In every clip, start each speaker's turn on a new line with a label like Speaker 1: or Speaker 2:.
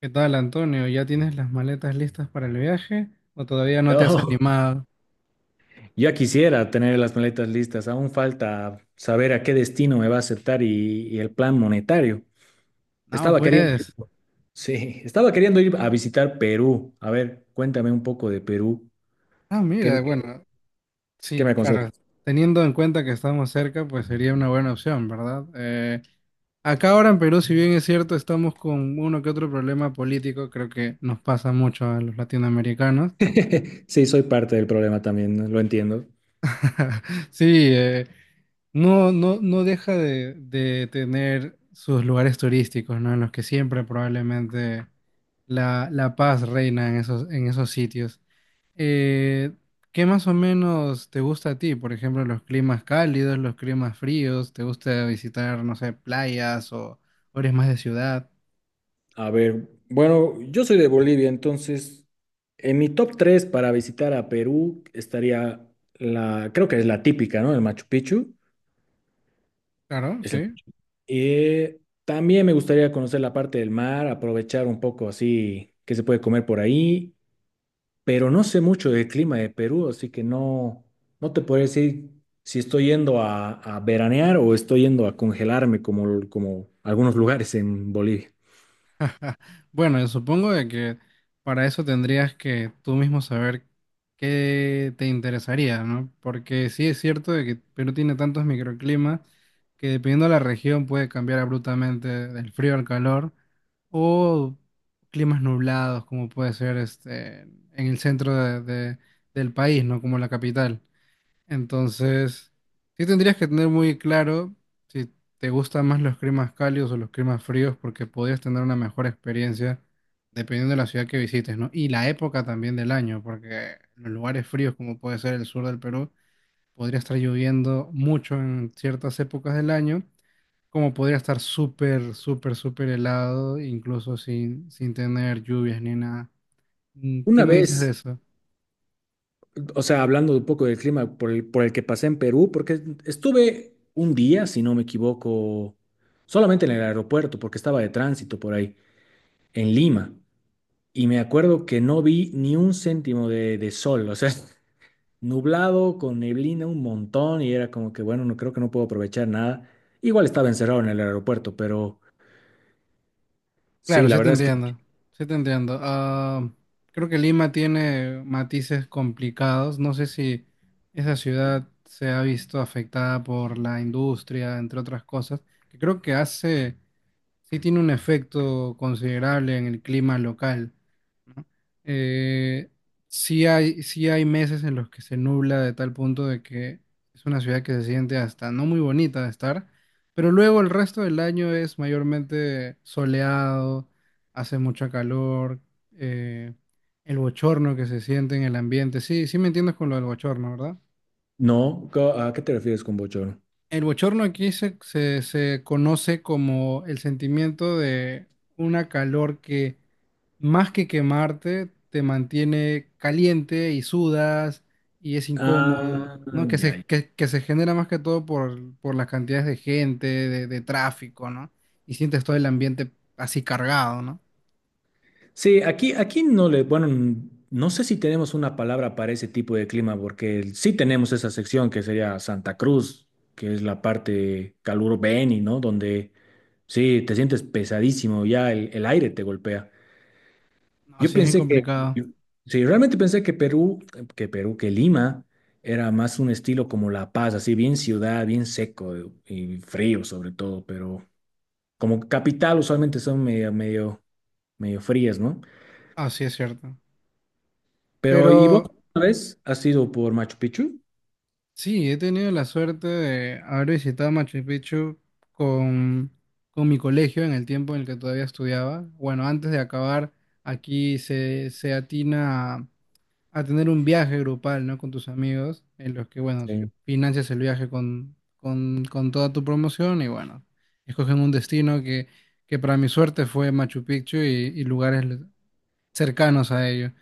Speaker 1: ¿Qué tal, Antonio? ¿Ya tienes las maletas listas para el viaje o todavía no te has
Speaker 2: No,
Speaker 1: animado?
Speaker 2: ya quisiera tener las maletas listas. Aún falta saber a qué destino me va a aceptar y el plan monetario.
Speaker 1: No,
Speaker 2: Estaba queriendo ir,
Speaker 1: pues.
Speaker 2: sí, estaba queriendo ir a visitar Perú. A ver, cuéntame un poco de Perú.
Speaker 1: Ah,
Speaker 2: ¿Qué,
Speaker 1: mira,
Speaker 2: qué-
Speaker 1: bueno,
Speaker 2: qué me
Speaker 1: sí, claro.
Speaker 2: aconsejas?
Speaker 1: Teniendo en cuenta que estamos cerca, pues sería una buena opción, ¿verdad? Acá ahora en Perú, si bien es cierto, estamos con uno que otro problema político, creo que nos pasa mucho a los latinoamericanos.
Speaker 2: Sí, soy parte del problema también, ¿no? Lo entiendo.
Speaker 1: Sí, eh, no, no, no deja de tener sus lugares turísticos, ¿no? En los que siempre probablemente la paz reina en esos sitios. Eh, ¿Qué más o menos te gusta a ti? Por ejemplo, los climas cálidos, los climas fríos, ¿te gusta visitar, no sé, playas o eres más de ciudad?
Speaker 2: A ver, bueno, yo soy de Bolivia, entonces en mi top 3 para visitar a Perú estaría creo que es la típica, ¿no? El Machu Picchu.
Speaker 1: Claro, sí.
Speaker 2: También me gustaría conocer la parte del mar, aprovechar un poco así que se puede comer por ahí, pero no sé mucho del clima de Perú, así que no te puedo decir si estoy yendo a veranear o estoy yendo a congelarme como algunos lugares en Bolivia.
Speaker 1: Bueno, yo supongo de que para eso tendrías que tú mismo saber qué te interesaría, ¿no? Porque sí es cierto de que Perú tiene tantos microclimas que dependiendo de la región puede cambiar abruptamente del frío al calor o climas nublados como puede ser este en el del país, ¿no? Como la capital. Entonces, sí tendrías que tener muy claro si te gustan más los climas cálidos o los climas fríos, porque podrías tener una mejor experiencia dependiendo de la ciudad que visites, ¿no? Y la época también del año, porque en los lugares fríos, como puede ser el sur del Perú, podría estar lloviendo mucho en ciertas épocas del año, como podría estar súper, súper, súper helado, incluso sin, sin tener lluvias ni nada. Mm, ¿qué
Speaker 2: Una
Speaker 1: me dices
Speaker 2: vez,
Speaker 1: de eso?
Speaker 2: o sea, hablando un poco del clima por el que pasé en Perú, porque estuve un día, si no me equivoco, solamente en el aeropuerto, porque estaba de tránsito por ahí, en Lima. Y me acuerdo que no vi ni un céntimo de sol, o sea, nublado, con neblina un montón, y era como que, bueno, no creo que no puedo aprovechar nada. Igual estaba encerrado en el aeropuerto, pero sí,
Speaker 1: Claro,
Speaker 2: la
Speaker 1: sí te
Speaker 2: verdad es que
Speaker 1: entiendo, sí te entiendo. Ah, creo que Lima tiene matices complicados. No sé si esa ciudad se ha visto afectada por la industria, entre otras cosas, que creo que hace sí tiene un efecto considerable en el clima local, ¿no? Eh, sí hay meses en los que se nubla de tal punto de que es una ciudad que se siente hasta no muy bonita de estar, pero luego el resto del año es mayormente soleado, hace mucho calor, eh, el bochorno que se siente en el ambiente. Sí, sí me entiendes con lo del bochorno, ¿verdad?
Speaker 2: no. ¿A qué te refieres con bochorno?
Speaker 1: El bochorno aquí se conoce como el sentimiento de una calor que más que quemarte, te mantiene caliente y sudas y es incómodo,
Speaker 2: Ah,
Speaker 1: ¿no? Que
Speaker 2: ya,
Speaker 1: se,
Speaker 2: ya.
Speaker 1: que, que se genera más que todo por las cantidades de gente, de tráfico, ¿no? Y sientes todo el ambiente así cargado, ¿no?
Speaker 2: Sí, aquí no le, bueno, no sé si tenemos una palabra para ese tipo de clima, porque sí tenemos esa sección que sería Santa Cruz, que es la parte caluro Beni, ¿no? Donde. Sí, te sientes pesadísimo, ya el aire te golpea. Yo
Speaker 1: Así es bien
Speaker 2: pensé que,
Speaker 1: complicado.
Speaker 2: yo- Sí, realmente pensé que Lima era más un estilo como La Paz, así bien ciudad, bien seco y frío sobre todo, pero como capital usualmente son medio frías, ¿no?
Speaker 1: Así es cierto.
Speaker 2: Pero ¿y vos
Speaker 1: Pero
Speaker 2: una vez has ido por Machu Picchu?
Speaker 1: sí, he tenido la suerte de haber visitado Machu Picchu con, con mi colegio en el tiempo en el que todavía estudiaba. Bueno, antes de acabar, aquí se atina a tener un viaje grupal, ¿no? Con tus amigos, en los que, bueno,
Speaker 2: Sí.
Speaker 1: financias el viaje con toda tu promoción y, bueno, escogen un destino que para mi suerte fue Machu Picchu y lugares cercanos a ello.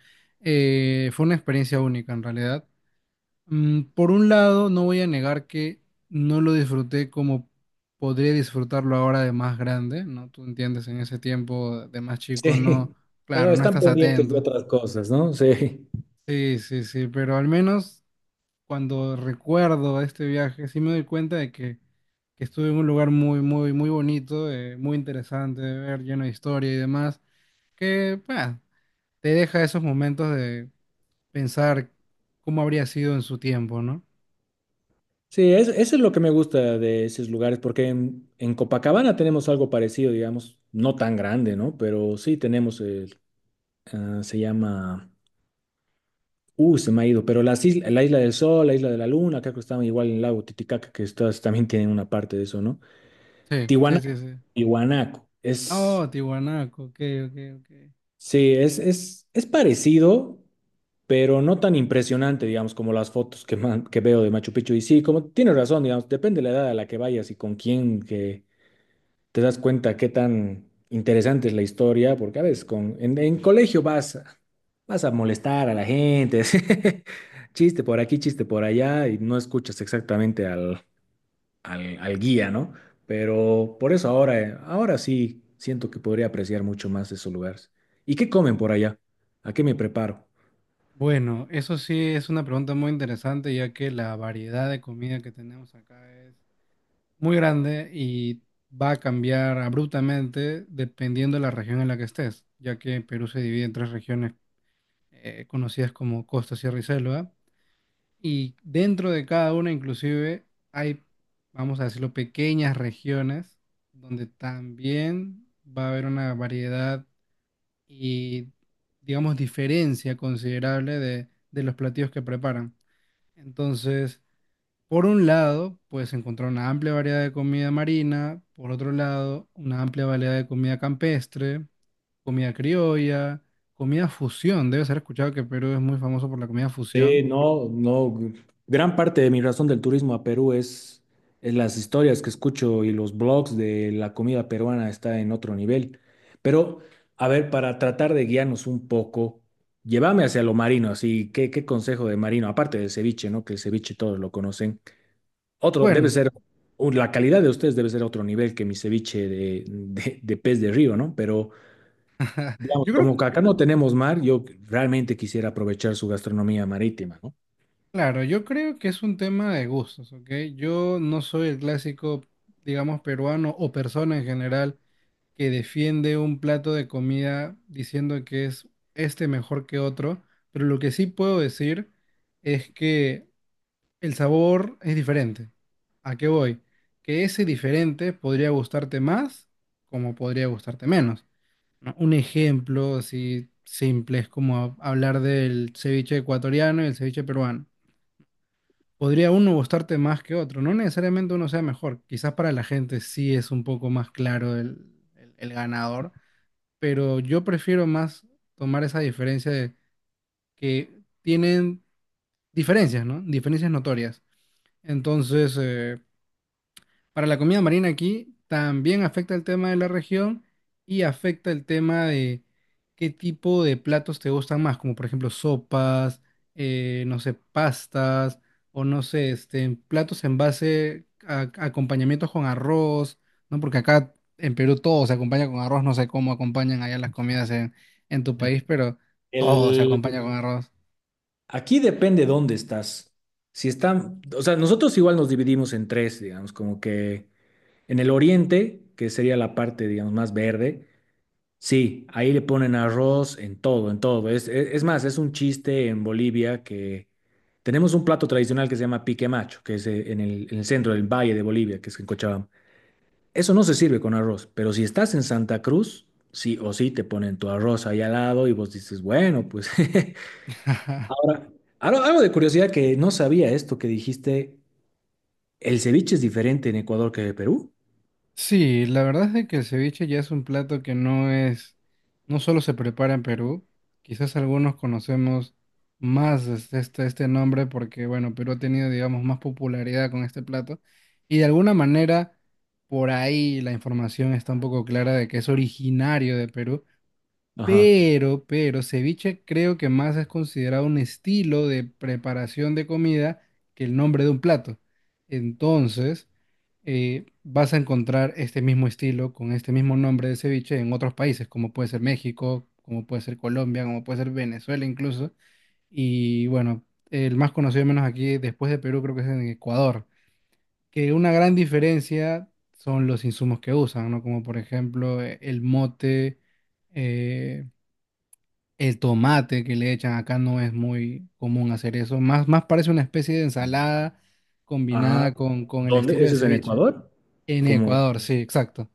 Speaker 1: Fue una experiencia única, en realidad. Mm, por un lado, no voy a negar que no lo disfruté como podría disfrutarlo ahora de más grande, ¿no? Tú entiendes, en ese tiempo de más chico no,
Speaker 2: Sí. Ah,
Speaker 1: claro, no
Speaker 2: están
Speaker 1: estás
Speaker 2: pendientes de
Speaker 1: atento.
Speaker 2: otras cosas, ¿no? Sí.
Speaker 1: Sí, sí, sí, pero al menos cuando recuerdo este viaje, sí me doy cuenta de que estuve en un lugar muy, muy, muy bonito, muy interesante de ver, lleno de historia y demás, que, bah, te deja esos momentos de pensar cómo habría sido en su tiempo, ¿no?
Speaker 2: Sí, eso es lo que me gusta de esos lugares, porque en Copacabana tenemos algo parecido, digamos, no tan grande, ¿no? Pero sí tenemos, el, ah, se llama, se me ha ido, pero la Isla del Sol, la Isla de la Luna, acá que estaban igual en el lago Titicaca, que estas también tienen una parte de eso, ¿no?
Speaker 1: Sí, sí,
Speaker 2: Tiwanaku,
Speaker 1: sí, sí.
Speaker 2: Tiwanaku,
Speaker 1: Oh, Tiwanaco, ok, ok, ok.
Speaker 2: sí, es parecido, pero no tan impresionante, digamos, como las fotos que veo de Machu Picchu. Y sí, como tienes razón, digamos, depende de la edad a la que vayas y con quién, que te das cuenta qué tan interesante es la historia, porque a veces en colegio vas, vas a molestar a la gente, así, chiste por aquí, chiste por allá, y no escuchas exactamente al guía, ¿no? Pero por eso ahora, ahora sí siento que podría apreciar mucho más esos lugares. ¿Y qué comen por allá? ¿A qué me preparo?
Speaker 1: Bueno, eso sí es una pregunta muy interesante, ya que la variedad de comida que tenemos acá es muy grande y va a cambiar abruptamente dependiendo de la región en la que estés, ya que Perú se divide en tres regiones conocidas como Costa, Sierra y Selva, y dentro de cada una inclusive hay, vamos a decirlo, pequeñas regiones donde también va a haber una variedad y, digamos, diferencia considerable de los platillos que preparan. Entonces, por un lado, puedes encontrar una amplia variedad de comida marina, por otro lado, una amplia variedad de comida campestre, comida criolla, comida fusión. Debes haber escuchado que Perú es muy famoso por la comida
Speaker 2: Sí,
Speaker 1: fusión.
Speaker 2: no, no. Gran parte de mi razón del turismo a Perú es las historias que escucho y los blogs de la comida peruana está en otro nivel. Pero, a ver, para tratar de guiarnos un poco, llévame hacia lo marino, así, ¿qué consejo de marino? Aparte del ceviche, ¿no? Que el ceviche todos lo conocen. Otro, debe
Speaker 1: Bueno,
Speaker 2: ser, la calidad de ustedes debe ser otro nivel que mi ceviche de pez de río, ¿no? Pero, digamos,
Speaker 1: yo creo,
Speaker 2: como que acá no tenemos mar, yo realmente quisiera aprovechar su gastronomía marítima, ¿no?
Speaker 1: claro, yo creo que es un tema de gustos, ¿ok? Yo no soy el clásico, digamos, peruano o persona en general que defiende un plato de comida diciendo que es este mejor que otro, pero lo que sí puedo decir es que el sabor es diferente. ¿A qué voy? Que ese diferente podría gustarte más como podría gustarte menos, ¿no? Un ejemplo así simple es como hablar del ceviche ecuatoriano y el ceviche peruano. Podría uno gustarte más que otro, no necesariamente uno sea mejor, quizás para la gente sí es un poco más claro el ganador, pero yo prefiero más tomar esa diferencia de que tienen diferencias, ¿no? Diferencias notorias. Entonces, para la comida marina aquí también afecta el tema de la región y afecta el tema de qué tipo de platos te gustan más, como por ejemplo sopas, no sé, pastas o no sé, este, platos en base a acompañamientos con arroz, ¿no? Porque acá en Perú todo se acompaña con arroz, no sé cómo acompañan allá las comidas en tu país, pero todo se acompaña
Speaker 2: El,
Speaker 1: con arroz.
Speaker 2: Aquí depende dónde estás. Si están, O sea, nosotros igual nos dividimos en tres, digamos, como que en el oriente, que sería la parte, digamos, más verde, sí, ahí le ponen arroz en todo, en todo. Es más, es un chiste en Bolivia que tenemos un plato tradicional que se llama pique macho, que es en el centro del valle de Bolivia, que es en Cochabamba. Eso no se sirve con arroz, pero si estás en Santa Cruz, sí o sí te ponen tu arroz ahí al lado y vos dices, bueno, pues. Ahora, algo de curiosidad que no sabía esto que dijiste, el ceviche es diferente en Ecuador que en Perú.
Speaker 1: Sí, la verdad es de que el ceviche ya es un plato que no es, no solo se prepara en Perú, quizás algunos conocemos más este, este, este nombre porque, bueno, Perú ha tenido, digamos, más popularidad con este plato y de alguna manera por ahí la información está un poco clara de que es originario de Perú,
Speaker 2: Ajá.
Speaker 1: pero, ceviche creo que más es considerado un estilo de preparación de comida que el nombre de un plato. Entonces, vas a encontrar este mismo estilo con este mismo nombre de ceviche en otros países, como puede ser México, como puede ser Colombia, como puede ser Venezuela incluso. Y bueno, el más conocido, al menos aquí, después de Perú, creo que es en Ecuador. Que una gran diferencia son los insumos que usan, ¿no? Como por ejemplo el mote. eh, el tomate que le echan acá no es muy común hacer eso. Más, más parece una especie de ensalada
Speaker 2: Ah,
Speaker 1: combinada con el
Speaker 2: ¿dónde?
Speaker 1: estilo del
Speaker 2: ¿Eso es en
Speaker 1: ceviche.
Speaker 2: Ecuador?
Speaker 1: En
Speaker 2: Como,
Speaker 1: Ecuador, sí, exacto.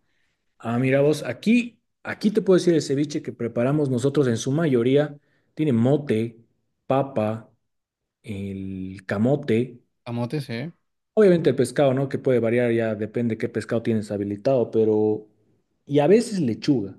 Speaker 2: ah, mira vos, aquí te puedo decir el ceviche que preparamos nosotros en su mayoría tiene mote, papa, el camote,
Speaker 1: Camote, sí.
Speaker 2: obviamente el pescado, ¿no? Que puede variar ya, depende qué pescado tienes habilitado, pero, y a veces lechuga.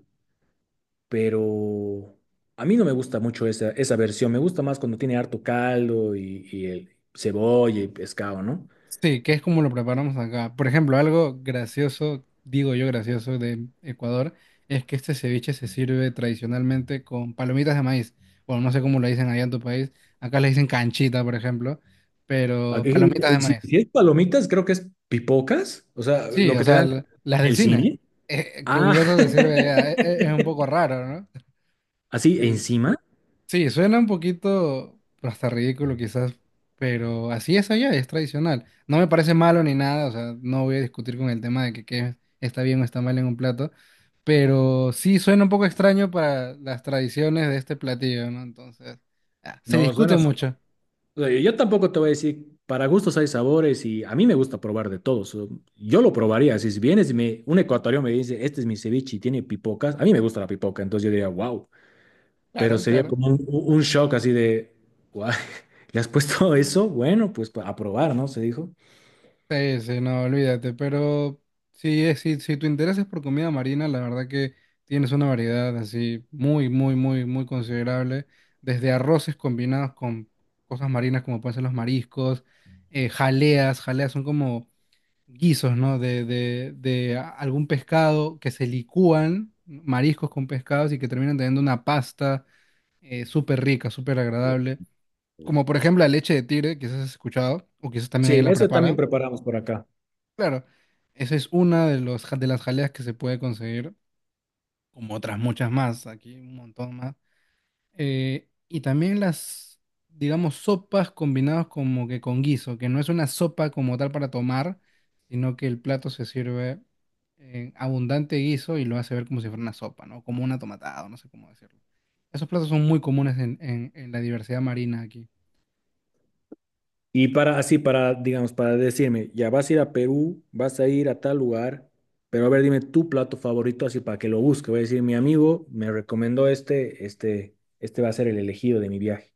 Speaker 2: Pero a mí no me gusta mucho esa versión. Me gusta más cuando tiene harto caldo y el cebolla y pescado, ¿no?
Speaker 1: Sí, que es como lo preparamos acá. Por ejemplo, algo gracioso, digo yo gracioso, de Ecuador, es que este ceviche se sirve tradicionalmente con palomitas de maíz. Bueno, no sé cómo lo dicen allá en tu país. Acá le dicen canchita, por ejemplo, pero
Speaker 2: Aquí,
Speaker 1: palomitas de
Speaker 2: si,
Speaker 1: maíz.
Speaker 2: si es palomitas, creo que es pipocas, o sea,
Speaker 1: Sí,
Speaker 2: lo
Speaker 1: o
Speaker 2: que te
Speaker 1: sea,
Speaker 2: dan
Speaker 1: las
Speaker 2: en
Speaker 1: del
Speaker 2: el
Speaker 1: cine.
Speaker 2: cine.
Speaker 1: Con
Speaker 2: Ah,
Speaker 1: eso se sirve ya. Es, un poco raro, ¿no?
Speaker 2: así
Speaker 1: Sí.
Speaker 2: encima.
Speaker 1: Sí, suena un poquito pues, hasta ridículo quizás, pero así es allá, es tradicional. No me parece malo ni nada, o sea, no voy a discutir con el tema de que qué está bien o está mal en un plato, pero sí suena un poco extraño para las tradiciones de este platillo, ¿no? Entonces, ah, se
Speaker 2: No,
Speaker 1: discute
Speaker 2: suena, o
Speaker 1: mucho.
Speaker 2: sea, yo tampoco te voy a decir, para gustos hay sabores y a mí me gusta probar de todos. Yo lo probaría. Si vienes y me, un ecuatoriano me dice, este es mi ceviche y tiene pipocas, a mí me gusta la pipoca, entonces yo diría, wow. Pero
Speaker 1: Claro,
Speaker 2: sería
Speaker 1: claro.
Speaker 2: como un shock así de, guay, ¿le has puesto eso? Bueno, pues a probar, ¿no? Se dijo.
Speaker 1: Sí, sí, no, olvídate, pero sí, si, si tu interés es por comida marina, la verdad que tienes una variedad así muy, muy, muy, muy considerable, desde arroces combinados con cosas marinas como pueden ser los mariscos, jaleas, jaleas son como guisos, ¿no? De algún pescado que se licúan, mariscos con pescados y que terminan teniendo una pasta súper rica, súper agradable, como por ejemplo la leche de tigre, quizás has escuchado, o quizás también
Speaker 2: Sí,
Speaker 1: ella la
Speaker 2: eso también
Speaker 1: prepara.
Speaker 2: preparamos por acá.
Speaker 1: Claro, esa es una de los, de las jaleas que se puede conseguir, como otras muchas más, aquí un montón más. Y también las, digamos, sopas combinadas como que con guiso, que no es una sopa como tal para tomar, sino que el plato se sirve en abundante guiso y lo hace ver como si fuera una sopa, ¿no? Como una tomatada, no sé cómo decirlo. Esos platos son muy comunes en la diversidad marina aquí.
Speaker 2: Y para, así, para, digamos, para decirme, ya vas a ir a Perú, vas a ir a tal lugar, pero a ver, dime tu plato favorito, así para que lo busque. Voy a decir, mi amigo me recomendó este va a ser el elegido de mi viaje.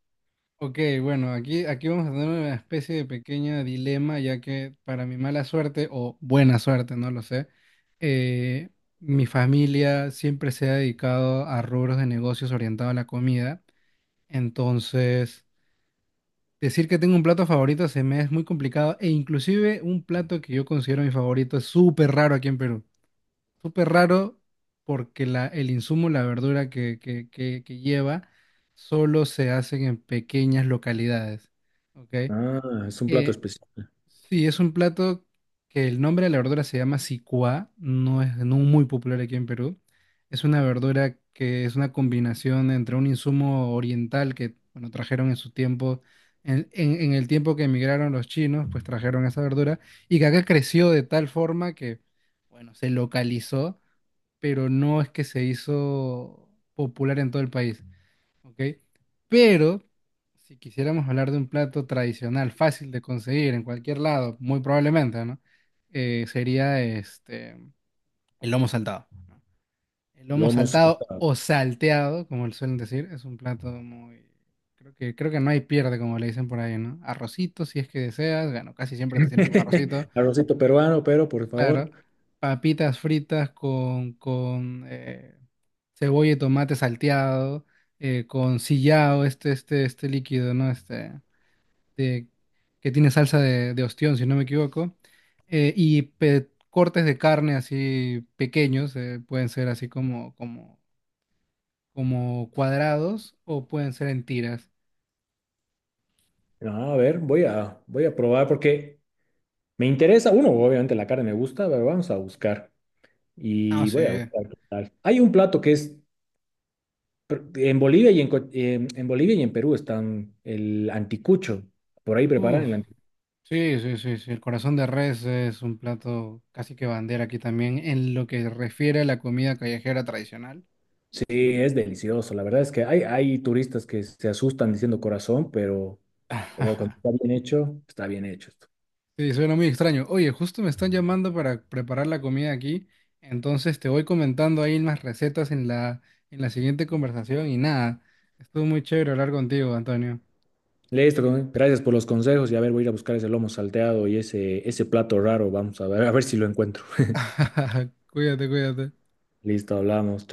Speaker 1: Ok, bueno, aquí, aquí vamos a tener una especie de pequeño dilema, ya que para mi mala suerte o buena suerte, no lo sé, eh, mi familia siempre se ha dedicado a rubros de negocios orientados a la comida. Entonces, decir que tengo un plato favorito se me es muy complicado e inclusive un plato que yo considero mi favorito es súper raro aquí en Perú. Súper raro porque la, el insumo, la verdura que lleva, solo se hacen en pequeñas localidades. ¿Ok?
Speaker 2: Ah, es un plato
Speaker 1: Eh,
Speaker 2: especial.
Speaker 1: sí, es un plato que el nombre de la verdura se llama sicuá, no es no muy popular aquí en Perú. Es una verdura que es una combinación entre un insumo oriental que, bueno, trajeron en su tiempo, en el tiempo que emigraron los chinos, pues trajeron esa verdura y que acá creció de tal forma que, bueno, se localizó pero no es que se hizo popular en todo el país, ¿ok? Pero si quisiéramos hablar de un plato tradicional, fácil de conseguir en cualquier lado, muy probablemente, ¿no? Sería este, el lomo saltado. ¿No? El lomo
Speaker 2: Lomo
Speaker 1: saltado
Speaker 2: saltado.
Speaker 1: o salteado, como le suelen decir, es un plato muy... creo que no hay pierde, como le dicen por ahí, ¿no? Arrocito, si es que deseas, bueno, casi siempre te sirven con arrocito.
Speaker 2: Arrocito peruano, pero por
Speaker 1: Claro,
Speaker 2: favor.
Speaker 1: papitas fritas con cebolla y tomate salteado, con sillao, este líquido, ¿no? Este, de- que tiene salsa de ostión, si no me equivoco. Cortes de carne así pequeños, pueden ser así como, como, como cuadrados o pueden ser en tiras.
Speaker 2: No, a ver, voy a probar porque me interesa, uno, obviamente la carne me gusta, pero vamos a buscar.
Speaker 1: No
Speaker 2: Y voy
Speaker 1: sé.
Speaker 2: a buscar qué tal. Hay un plato que es en Bolivia y en Bolivia y en Perú están el anticucho. Por ahí preparan
Speaker 1: Uf.
Speaker 2: el anticucho.
Speaker 1: Sí, sí, sí, sí. El corazón de res es un plato casi que bandera aquí también en lo que refiere a la comida callejera tradicional.
Speaker 2: Sí, es delicioso. La verdad es que hay turistas que se asustan diciendo corazón, pero oh, cuando está bien hecho esto.
Speaker 1: Sí, suena muy extraño. Oye, justo me están llamando para preparar la comida aquí, entonces te voy comentando ahí las recetas en la siguiente conversación y nada, estuvo muy chévere hablar contigo, Antonio.
Speaker 2: Listo, gracias por los consejos. Y a ver, voy a ir a buscar ese lomo salteado y ese plato raro. Vamos a ver si lo encuentro.
Speaker 1: Cuídate, cuídate.
Speaker 2: Listo, hablamos.